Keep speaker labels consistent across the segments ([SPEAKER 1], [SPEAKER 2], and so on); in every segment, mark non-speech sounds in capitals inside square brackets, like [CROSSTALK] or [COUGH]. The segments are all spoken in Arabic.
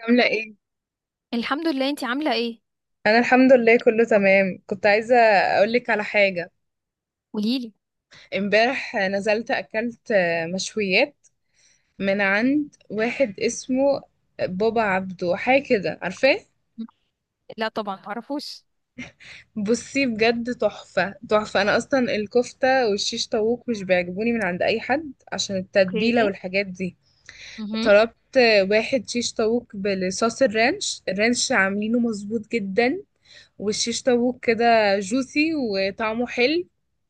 [SPEAKER 1] عاملة ايه؟
[SPEAKER 2] الحمد لله، انتي عاملة ايه؟
[SPEAKER 1] أنا الحمد لله كله تمام، كنت عايزة أقولك على حاجة.
[SPEAKER 2] قوليلي.
[SPEAKER 1] امبارح نزلت أكلت مشويات من عند واحد اسمه بابا عبده، حاجة كده، عارفاه؟
[SPEAKER 2] مم. لا طبعا معرفوش.
[SPEAKER 1] بصي بجد تحفة تحفة. أنا أصلا الكفتة والشيش طاووق مش بيعجبوني من عند أي حد عشان التتبيلة
[SPEAKER 2] اوكي.
[SPEAKER 1] والحاجات دي.
[SPEAKER 2] امم
[SPEAKER 1] طلبت واحد شيش طاووق بالصوص الرانش، الرانش عاملينه مظبوط جدا، والشيش طاووق كده جوسي وطعمه حلو،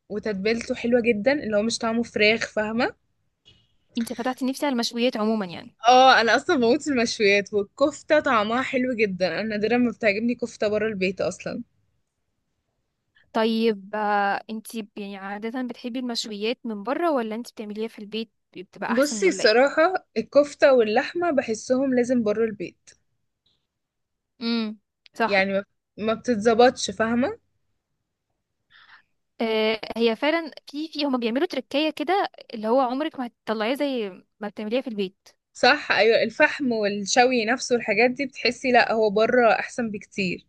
[SPEAKER 1] وتتبيلته حلوة جدا، اللي هو مش طعمه فراخ، فاهمة.
[SPEAKER 2] انتي فتحتي نفسي على المشويات عموما يعني.
[SPEAKER 1] اه انا اصلا بموت في المشويات، والكفتة طعمها حلو جدا. انا نادرا ما بتعجبني كفتة بره البيت اصلا.
[SPEAKER 2] طيب انتي يعني عادة بتحبي المشويات من بره ولا انتي بتعمليها في البيت؟ بتبقى احسن
[SPEAKER 1] بصي
[SPEAKER 2] ولا ايه؟
[SPEAKER 1] الصراحة الكفتة واللحمة بحسهم لازم بره البيت،
[SPEAKER 2] امم. صح.
[SPEAKER 1] يعني ما بتتظبطش، فاهمة.
[SPEAKER 2] آه، هي فعلا في هما بيعملوا تركية كده اللي هو عمرك ما هتطلعيه زي ما بتعمليها في البيت.
[SPEAKER 1] صح، ايوه الفحم والشوي نفسه والحاجات دي، بتحسي لا هو بره احسن بكتير.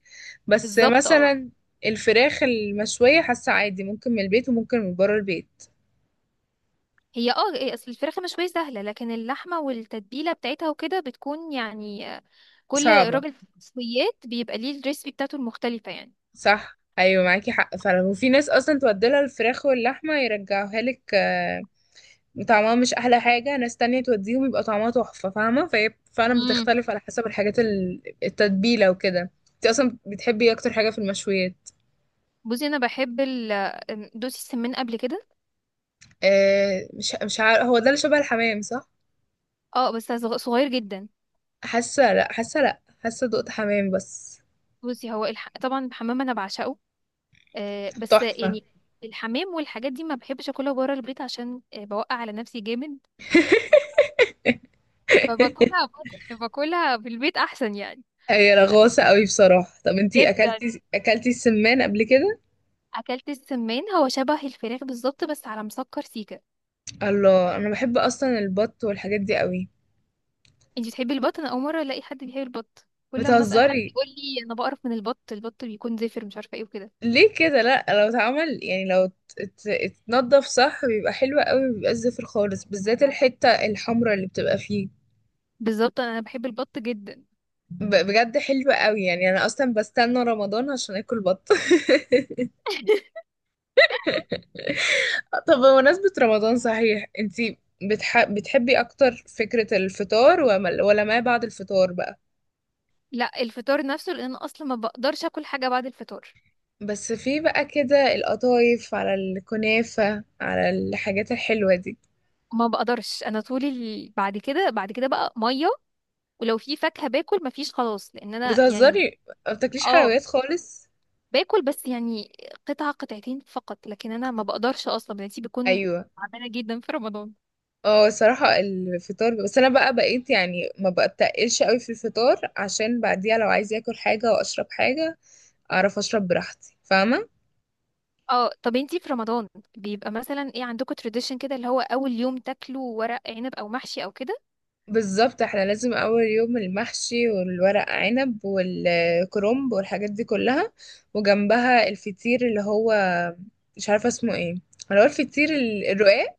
[SPEAKER 1] بس
[SPEAKER 2] بالظبط اه.
[SPEAKER 1] مثلا الفراخ المشوية حاسة عادي، ممكن من البيت وممكن من بره البيت.
[SPEAKER 2] هي اه إيه، اصل الفراخ المشوية سهلة، لكن اللحمة والتتبيلة بتاعتها وكده بتكون يعني كل
[SPEAKER 1] صعبة.
[SPEAKER 2] راجل في المشويات بيبقى ليه الريسبي بتاعته المختلفة يعني.
[SPEAKER 1] صح أيوة معاكي حق فعلا. وفي ناس أصلا توديلها الفراخ واللحمة يرجعوها لك، طعمها مش أحلى حاجة، ناس تانية توديهم يبقى طعمها تحفة، فاهمة. فهي فعلا
[SPEAKER 2] امم.
[SPEAKER 1] بتختلف على حسب الحاجات التتبيلة وكده. انت أصلا بتحبي إيه أكتر حاجة في المشويات؟
[SPEAKER 2] بصي انا بحب ال دوسي السمان قبل كده.
[SPEAKER 1] مش عارف، هو ده اللي شبه الحمام صح؟
[SPEAKER 2] اه بس صغير جدا.
[SPEAKER 1] حاسة لأ، حاسة لأ، حاسة دقت حمام بس.
[SPEAKER 2] طبعا الحمام انا بعشقه. آه بس
[SPEAKER 1] تحفة.
[SPEAKER 2] يعني الحمام والحاجات دي ما بحبش اكلها بره البيت عشان بوقع على نفسي جامد. باكلها في البيت احسن يعني.
[SPEAKER 1] هي رغوصة قوي بصراحة. طب انتي
[SPEAKER 2] جدا.
[SPEAKER 1] أكلتي السمان قبل كده؟
[SPEAKER 2] اكلت السمان، هو شبه الفراخ بالظبط بس على مسكر سيكا.
[SPEAKER 1] الله، أنا بحب أصلا البط والحاجات دي قوي.
[SPEAKER 2] انتي بتحبي البط؟ انا اول مره الاقي حد بيحب البط، كل ما اسال حد
[SPEAKER 1] بتهزري؟
[SPEAKER 2] يقول لي انا بقرف من البط، البط بيكون زفر مش عارفه ايه وكده.
[SPEAKER 1] ليه كده؟ لا لو اتعمل، يعني لو اتنضف صح بيبقى حلو قوي، بيبقى زفر خالص بالذات الحتة الحمراء اللي بتبقى فيه.
[SPEAKER 2] بالظبط، انا بحب البط جدا.
[SPEAKER 1] بجد حلوة قوي، يعني انا اصلا بستنى رمضان عشان اكل بط.
[SPEAKER 2] [LAUGHS]
[SPEAKER 1] [LAUGHS] طب بمناسبة رمضان صحيح، انتي بتحبي اكتر فكرة الفطار ولا ما بعد الفطار بقى؟
[SPEAKER 2] لا الفطار نفسه، لان انا اصلا ما بقدرش اكل حاجه بعد الفطار.
[SPEAKER 1] بس في بقى كده القطايف، على الكنافة، على الحاجات الحلوة دي.
[SPEAKER 2] ما بقدرش، بعد كده بعد كده بقى ميه، ولو في فاكهه باكل، مفيش خلاص، لان انا يعني.
[SPEAKER 1] بتهزري؟ ما بتاكليش
[SPEAKER 2] اه
[SPEAKER 1] حلويات خالص؟
[SPEAKER 2] باكل بس يعني قطعه قطعتين فقط، لكن انا ما بقدرش، اصلا مناعتي بيكون
[SPEAKER 1] ايوه.
[SPEAKER 2] تعبانه جدا في رمضان.
[SPEAKER 1] اه صراحة الفطار بس، انا بقى بقيت يعني ما بتقلش قوي في الفطار عشان بعديها لو عايز اكل حاجة واشرب حاجة اعرف اشرب براحتي، فاهمة.
[SPEAKER 2] اه طب انتي في رمضان بيبقى مثلا ايه عندكم تراديشن كده اللي هو اول يوم تاكلوا ورق عنب او محشي او كده؟
[SPEAKER 1] بالظبط، احنا لازم اول يوم المحشي والورق عنب والكرنب والحاجات دي كلها، وجنبها الفطير اللي هو مش عارفة اسمه ايه، اللي هو الفطير الرقاق،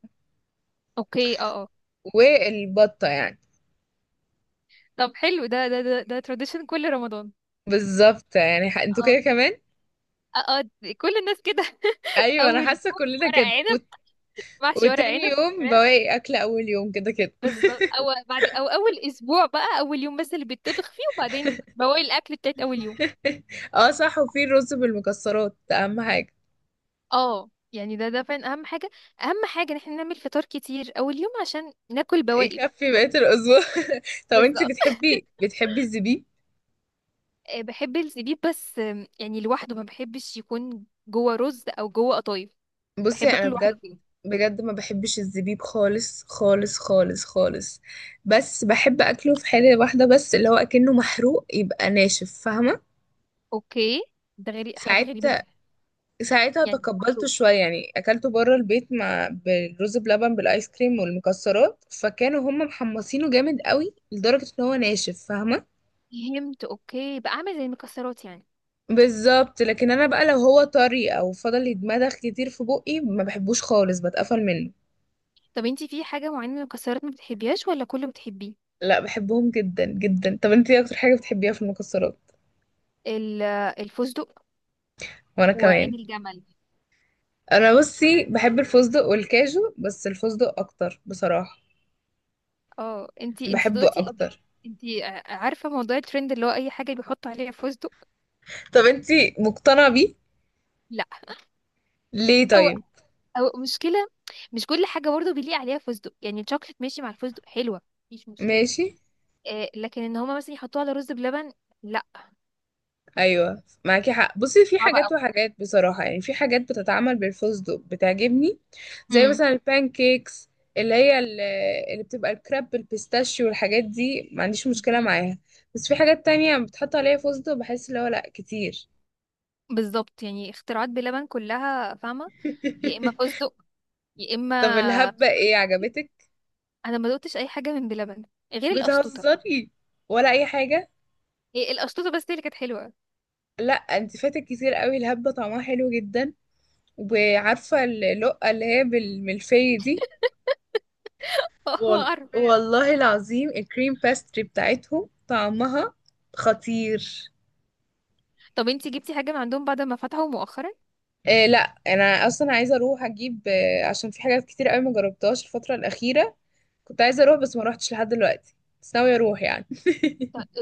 [SPEAKER 2] اوكي، اه اه.
[SPEAKER 1] والبطة يعني.
[SPEAKER 2] طب حلو، ده تراديشن كل رمضان؟
[SPEAKER 1] بالظبط، يعني انتوا
[SPEAKER 2] اه
[SPEAKER 1] كده كمان.
[SPEAKER 2] اه كل الناس كده. [LAUGHS]
[SPEAKER 1] ايوه انا
[SPEAKER 2] اول يوم
[SPEAKER 1] حاسة كلنا
[SPEAKER 2] ورق
[SPEAKER 1] كده.
[SPEAKER 2] عنب، محشي ورق
[SPEAKER 1] وتاني
[SPEAKER 2] عنب،
[SPEAKER 1] يوم
[SPEAKER 2] فراخ.
[SPEAKER 1] بواقي اكل اول يوم كده كده.
[SPEAKER 2] بالظبط، او بعد، او اول اسبوع بقى اول يوم بس اللي بيتطبخ فيه وبعدين بواقي الاكل بتاعت اول يوم.
[SPEAKER 1] اه صح، وفي الرز بالمكسرات ده اهم حاجه.
[SPEAKER 2] اه يعني ده فعلا اهم حاجه، اهم حاجه ان احنا نعمل فطار كتير اول يوم عشان ناكل بواقي بقى.
[SPEAKER 1] يكفي بقيه الاسبوع. [LAUGHS] طب انت
[SPEAKER 2] بالظبط.
[SPEAKER 1] بتحبي الزبيب؟
[SPEAKER 2] بحب الزبيب بس يعني لوحده، ما بحبش يكون جوه رز او جوه قطايف.
[SPEAKER 1] بصي
[SPEAKER 2] بحب
[SPEAKER 1] انا
[SPEAKER 2] اكله لوحده
[SPEAKER 1] بجد،
[SPEAKER 2] كده.
[SPEAKER 1] بجد ما بحبش الزبيب خالص خالص خالص خالص. بس بحب اكله في حاله واحده بس، اللي هو اكنه محروق، يبقى ناشف، فاهمه.
[SPEAKER 2] اوكي. حاجه غريبه
[SPEAKER 1] ساعتها،
[SPEAKER 2] جدا.
[SPEAKER 1] ساعتها
[SPEAKER 2] يعني
[SPEAKER 1] تقبلته
[SPEAKER 2] لوحده.
[SPEAKER 1] شويه، يعني اكلته بره البيت مع بالرز بلبن، بالايس كريم والمكسرات، فكانوا هم محمصينه جامد قوي لدرجه ان هو ناشف، فاهمه.
[SPEAKER 2] فهمت اوكي، بقى عامل زي المكسرات يعني.
[SPEAKER 1] بالظبط، لكن انا بقى لو هو طري او فضل يتمضغ كتير في بقي ما بحبوش خالص، بتقفل منه.
[SPEAKER 2] طب انتي في حاجه معينه من المكسرات ما بتحبيهاش ولا كله بتحبيه؟
[SPEAKER 1] لا بحبهم جدا جدا. طب انت ايه اكتر حاجه بتحبيها في المكسرات؟
[SPEAKER 2] ال- الفستق،
[SPEAKER 1] وانا
[SPEAKER 2] وعين
[SPEAKER 1] كمان.
[SPEAKER 2] الجمل.
[SPEAKER 1] انا بصي بحب الفستق والكاجو، بس الفستق اكتر بصراحه.
[SPEAKER 2] اه انتي
[SPEAKER 1] بحبه
[SPEAKER 2] دقتي قبل؟
[SPEAKER 1] اكتر.
[SPEAKER 2] انتي عارفه موضوع الترند اللي هو اي حاجه بيحط عليها فستق؟
[SPEAKER 1] طب انت مقتنعه بيه؟
[SPEAKER 2] لا. [LAUGHS]
[SPEAKER 1] ليه
[SPEAKER 2] هو
[SPEAKER 1] طيب؟
[SPEAKER 2] او مشكله، مش كل حاجه برضه بيليق عليها فستق، يعني الشوكليت ماشي مع الفستق حلوه، مفيش مشكله،
[SPEAKER 1] ماشي.
[SPEAKER 2] آه، لكن ان هما مثلا يحطوه على رز بلبن، لا،
[SPEAKER 1] ايوه معاكي حق، بصي في
[SPEAKER 2] صعب
[SPEAKER 1] حاجات
[SPEAKER 2] قوي.
[SPEAKER 1] وحاجات بصراحه، يعني في حاجات بتتعمل بالفستق بتعجبني، زي
[SPEAKER 2] امم.
[SPEAKER 1] مثلا البان كيكس، اللي هي اللي بتبقى الكراب بالبيستاشيو والحاجات دي، ما عنديش مشكله معاها. بس في حاجات تانية بتحط عليها فستق، بحس اللي هو لا كتير.
[SPEAKER 2] بالظبط يعني اختراعات بلبن كلها فاهمه. يا اما
[SPEAKER 1] [LAUGHS]
[SPEAKER 2] فستق، يا
[SPEAKER 1] طب
[SPEAKER 2] اما.
[SPEAKER 1] الهبه ايه عجبتك؟
[SPEAKER 2] انا ما دقتش اي حاجه من بلبن غير القشطوطه.
[SPEAKER 1] بتهزري؟ ولا اي حاجه؟
[SPEAKER 2] هي القشطوطه بس هي اللي كانت حلوه.
[SPEAKER 1] لا انت فاتك كتير قوي، الهبه طعمها حلو جدا. وعارفه اللقه اللي هي بالملفيه دي؟
[SPEAKER 2] [LAUGHS] قرف.
[SPEAKER 1] والله العظيم الكريم، باستري بتاعتهم طعمها خطير.
[SPEAKER 2] طب انتي جبتي حاجه من عندهم بعد ما فتحوا مؤخرا؟
[SPEAKER 1] إيه لا. انا اصلا عايزه اروح اجيب، عشان في حاجات كتير قوي ما جربتهاش الفتره الاخيره. كنت عايزه اروح بس ما روحتش لحد دلوقتي. بس ناويه اروح يعني.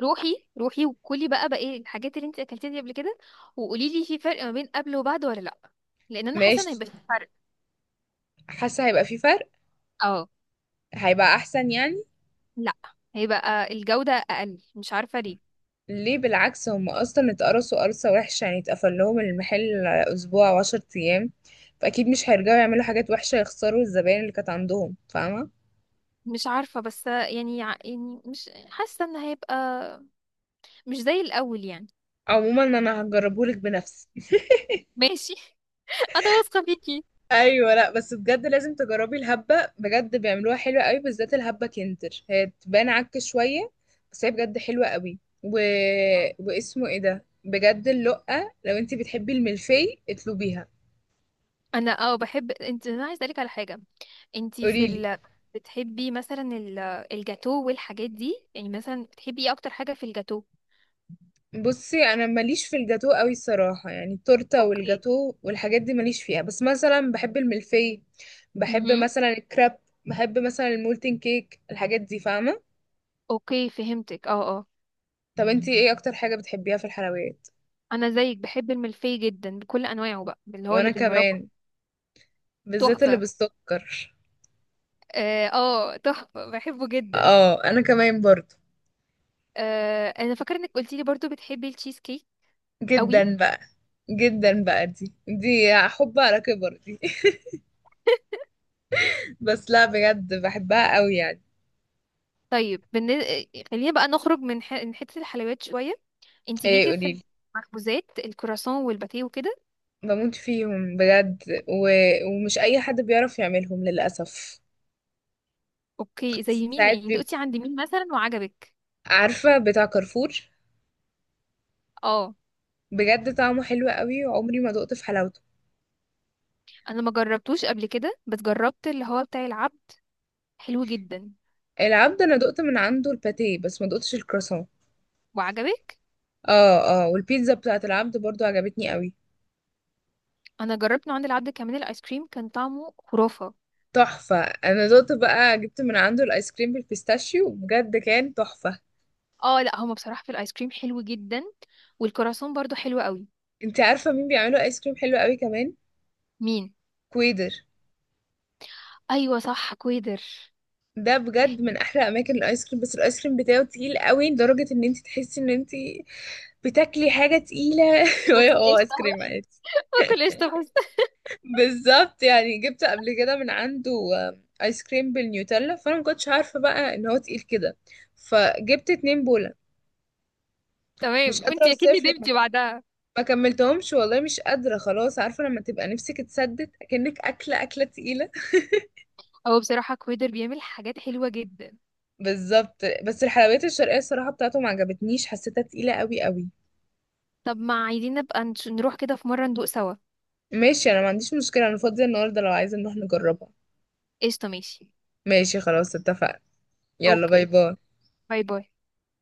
[SPEAKER 2] روحي روحي وكلي بقى، بقى ايه الحاجات اللي انت اكلتيها دي قبل كده، وقولي لي في فرق ما بين قبل وبعد ولا لا، لان انا حاسه ان
[SPEAKER 1] ماشي.
[SPEAKER 2] هيبقى في فرق.
[SPEAKER 1] حاسه هيبقى في فرق.
[SPEAKER 2] اه.
[SPEAKER 1] هيبقى احسن يعني.
[SPEAKER 2] لا، هيبقى الجوده اقل، مش عارفه ليه.
[SPEAKER 1] ليه؟ بالعكس، هم اصلا اتقرصوا قرصه وحشه، يعني اتقفل لهم المحل اسبوع وعشر ايام، فاكيد مش هيرجعوا يعملوا حاجات وحشه يخسروا الزباين اللي كانت عندهم، فاهمه.
[SPEAKER 2] مش عارفه، بس يعني يعني مش حاسه ان هيبقى مش زي الاول يعني.
[SPEAKER 1] عموما انا هجربهولك بنفسي.
[SPEAKER 2] ماشي. [LAUGHS] انا واثقه فيكي.
[SPEAKER 1] ايوه. لا بس بجد لازم تجربي الهبه، بجد بيعملوها حلوه قوي، بالذات الهبه كنتر هي تبان عك شويه، بس هي بجد حلوه قوي و... واسمه ايه ده بجد، اللقه، لو انت بتحبي الملفي اطلبيها.
[SPEAKER 2] انا اه بحب انت، انا عايزه اسالك على حاجه، انت
[SPEAKER 1] قوليلي.
[SPEAKER 2] بتحبي مثلا الجاتو والحاجات دي؟ يعني مثلا بتحبي ايه اكتر حاجه في الجاتو؟
[SPEAKER 1] بصي انا ماليش في الجاتو قوي الصراحه، يعني التورته
[SPEAKER 2] اوكي.
[SPEAKER 1] والجاتو والحاجات دي ماليش فيها، بس مثلا بحب الملفي، بحب
[SPEAKER 2] مهم.
[SPEAKER 1] مثلا الكراب، بحب مثلا المولتن كيك، الحاجات دي فاهمه.
[SPEAKER 2] اوكي فهمتك اه اه.
[SPEAKER 1] طب انت ايه اكتر حاجه بتحبيها في الحلويات؟
[SPEAKER 2] انا زيك بحب الملفي جدا بكل انواعه بقى اللي هو اللي
[SPEAKER 1] وانا
[SPEAKER 2] بالمربى.
[SPEAKER 1] كمان، بالذات اللي
[SPEAKER 2] تحفه.
[SPEAKER 1] بالسكر.
[SPEAKER 2] اه تحفه بحبه جدا.
[SPEAKER 1] اه انا كمان برضو.
[SPEAKER 2] آه انا فاكره انك قلتي لي برضو بتحبي التشيز كيك قوي.
[SPEAKER 1] جدا بقى، جدا بقى، دي دي حب على كبر دي. [LAUGHS] بس لا بجد بحبها قوي يعني.
[SPEAKER 2] طيب بالن... آه، خلينا بقى نخرج من من حته الحلويات شويه. انت
[SPEAKER 1] ايه
[SPEAKER 2] ليكي في
[SPEAKER 1] قوليلي.
[SPEAKER 2] المخبوزات الكراسون والباتيه وكده؟
[SPEAKER 1] بموت فيهم بجد، و... ومش اي حد بيعرف يعملهم للاسف.
[SPEAKER 2] اوكي زي مين
[SPEAKER 1] ساعات
[SPEAKER 2] يعني؟
[SPEAKER 1] بيبقى،
[SPEAKER 2] دقتي عند مين مثلا وعجبك؟
[SPEAKER 1] عارفه بتاع كارفور؟
[SPEAKER 2] اه
[SPEAKER 1] بجد طعمه حلو قوي، وعمري ما دقت في حلاوته.
[SPEAKER 2] انا ما جربتوش قبل كده، بس جربت اللي هو بتاع العبد، حلو جدا.
[SPEAKER 1] العبد، انا دقت من عنده الباتيه بس ما دقتش الكرواسون.
[SPEAKER 2] وعجبك؟
[SPEAKER 1] اه اه، والبيتزا بتاعت العبد برضو عجبتني قوي.
[SPEAKER 2] انا جربت نوع عند العبد كمان، الايس كريم كان طعمه خرافه.
[SPEAKER 1] تحفة. انا دوت بقى جبت من عنده الايس كريم بالبيستاشيو، بجد كان تحفة.
[SPEAKER 2] اه لا هما بصراحه في الايس كريم حلو جدا، والكراسون برضو حلو قوي.
[SPEAKER 1] انت عارفة مين بيعملوا ايس كريم حلو قوي كمان؟
[SPEAKER 2] مين؟
[SPEAKER 1] كويدر.
[SPEAKER 2] ايوه صح كويدر.
[SPEAKER 1] ده بجد من
[SPEAKER 2] [LAUGHS]
[SPEAKER 1] احلى اماكن الايس كريم، بس الايس كريم بتاعه تقيل قوي، لدرجة ان انت تحسي ان انت بتاكلي حاجة تقيلة. [LAUGHS] وهي
[SPEAKER 2] باكل
[SPEAKER 1] هو ايس
[SPEAKER 2] قشطه،
[SPEAKER 1] كريم عادي.
[SPEAKER 2] باكل قشطه بس. [LAUGHS]
[SPEAKER 1] بالظبط. يعني جبت قبل كده من عنده، ايس كريم بالنيوتيلا، فانا ما كنتش عارفة بقى ان هو تقيل كده، فجبت اتنين بولا. مش
[SPEAKER 2] تمام،
[SPEAKER 1] قادرة
[SPEAKER 2] وانتي اكيد
[SPEAKER 1] اوصف لك.
[SPEAKER 2] ندمتي بعدها.
[SPEAKER 1] ما كملتهمش والله، مش قادرة خلاص، عارفة لما تبقى نفسك اتسدت، كأنك أكلة تقيلة.
[SPEAKER 2] هو بصراحه كويدر بيعمل حاجات حلوه جدا.
[SPEAKER 1] [LAUGHS] بالظبط. بس الحلويات الشرقية الصراحة بتاعته ما عجبتنيش، حسيتها تقيلة قوي قوي.
[SPEAKER 2] طب ما عايزين نبقى نروح كده في مره ندوق سوا؟
[SPEAKER 1] ماشي، أنا ما عنديش مشكلة، أنا فاضية النهاردة لو عايزة نروح نجربها.
[SPEAKER 2] قشطه ماشي.
[SPEAKER 1] ماشي، خلاص اتفقنا. يلا،
[SPEAKER 2] اوكي.
[SPEAKER 1] باي باي.
[SPEAKER 2] باي باي.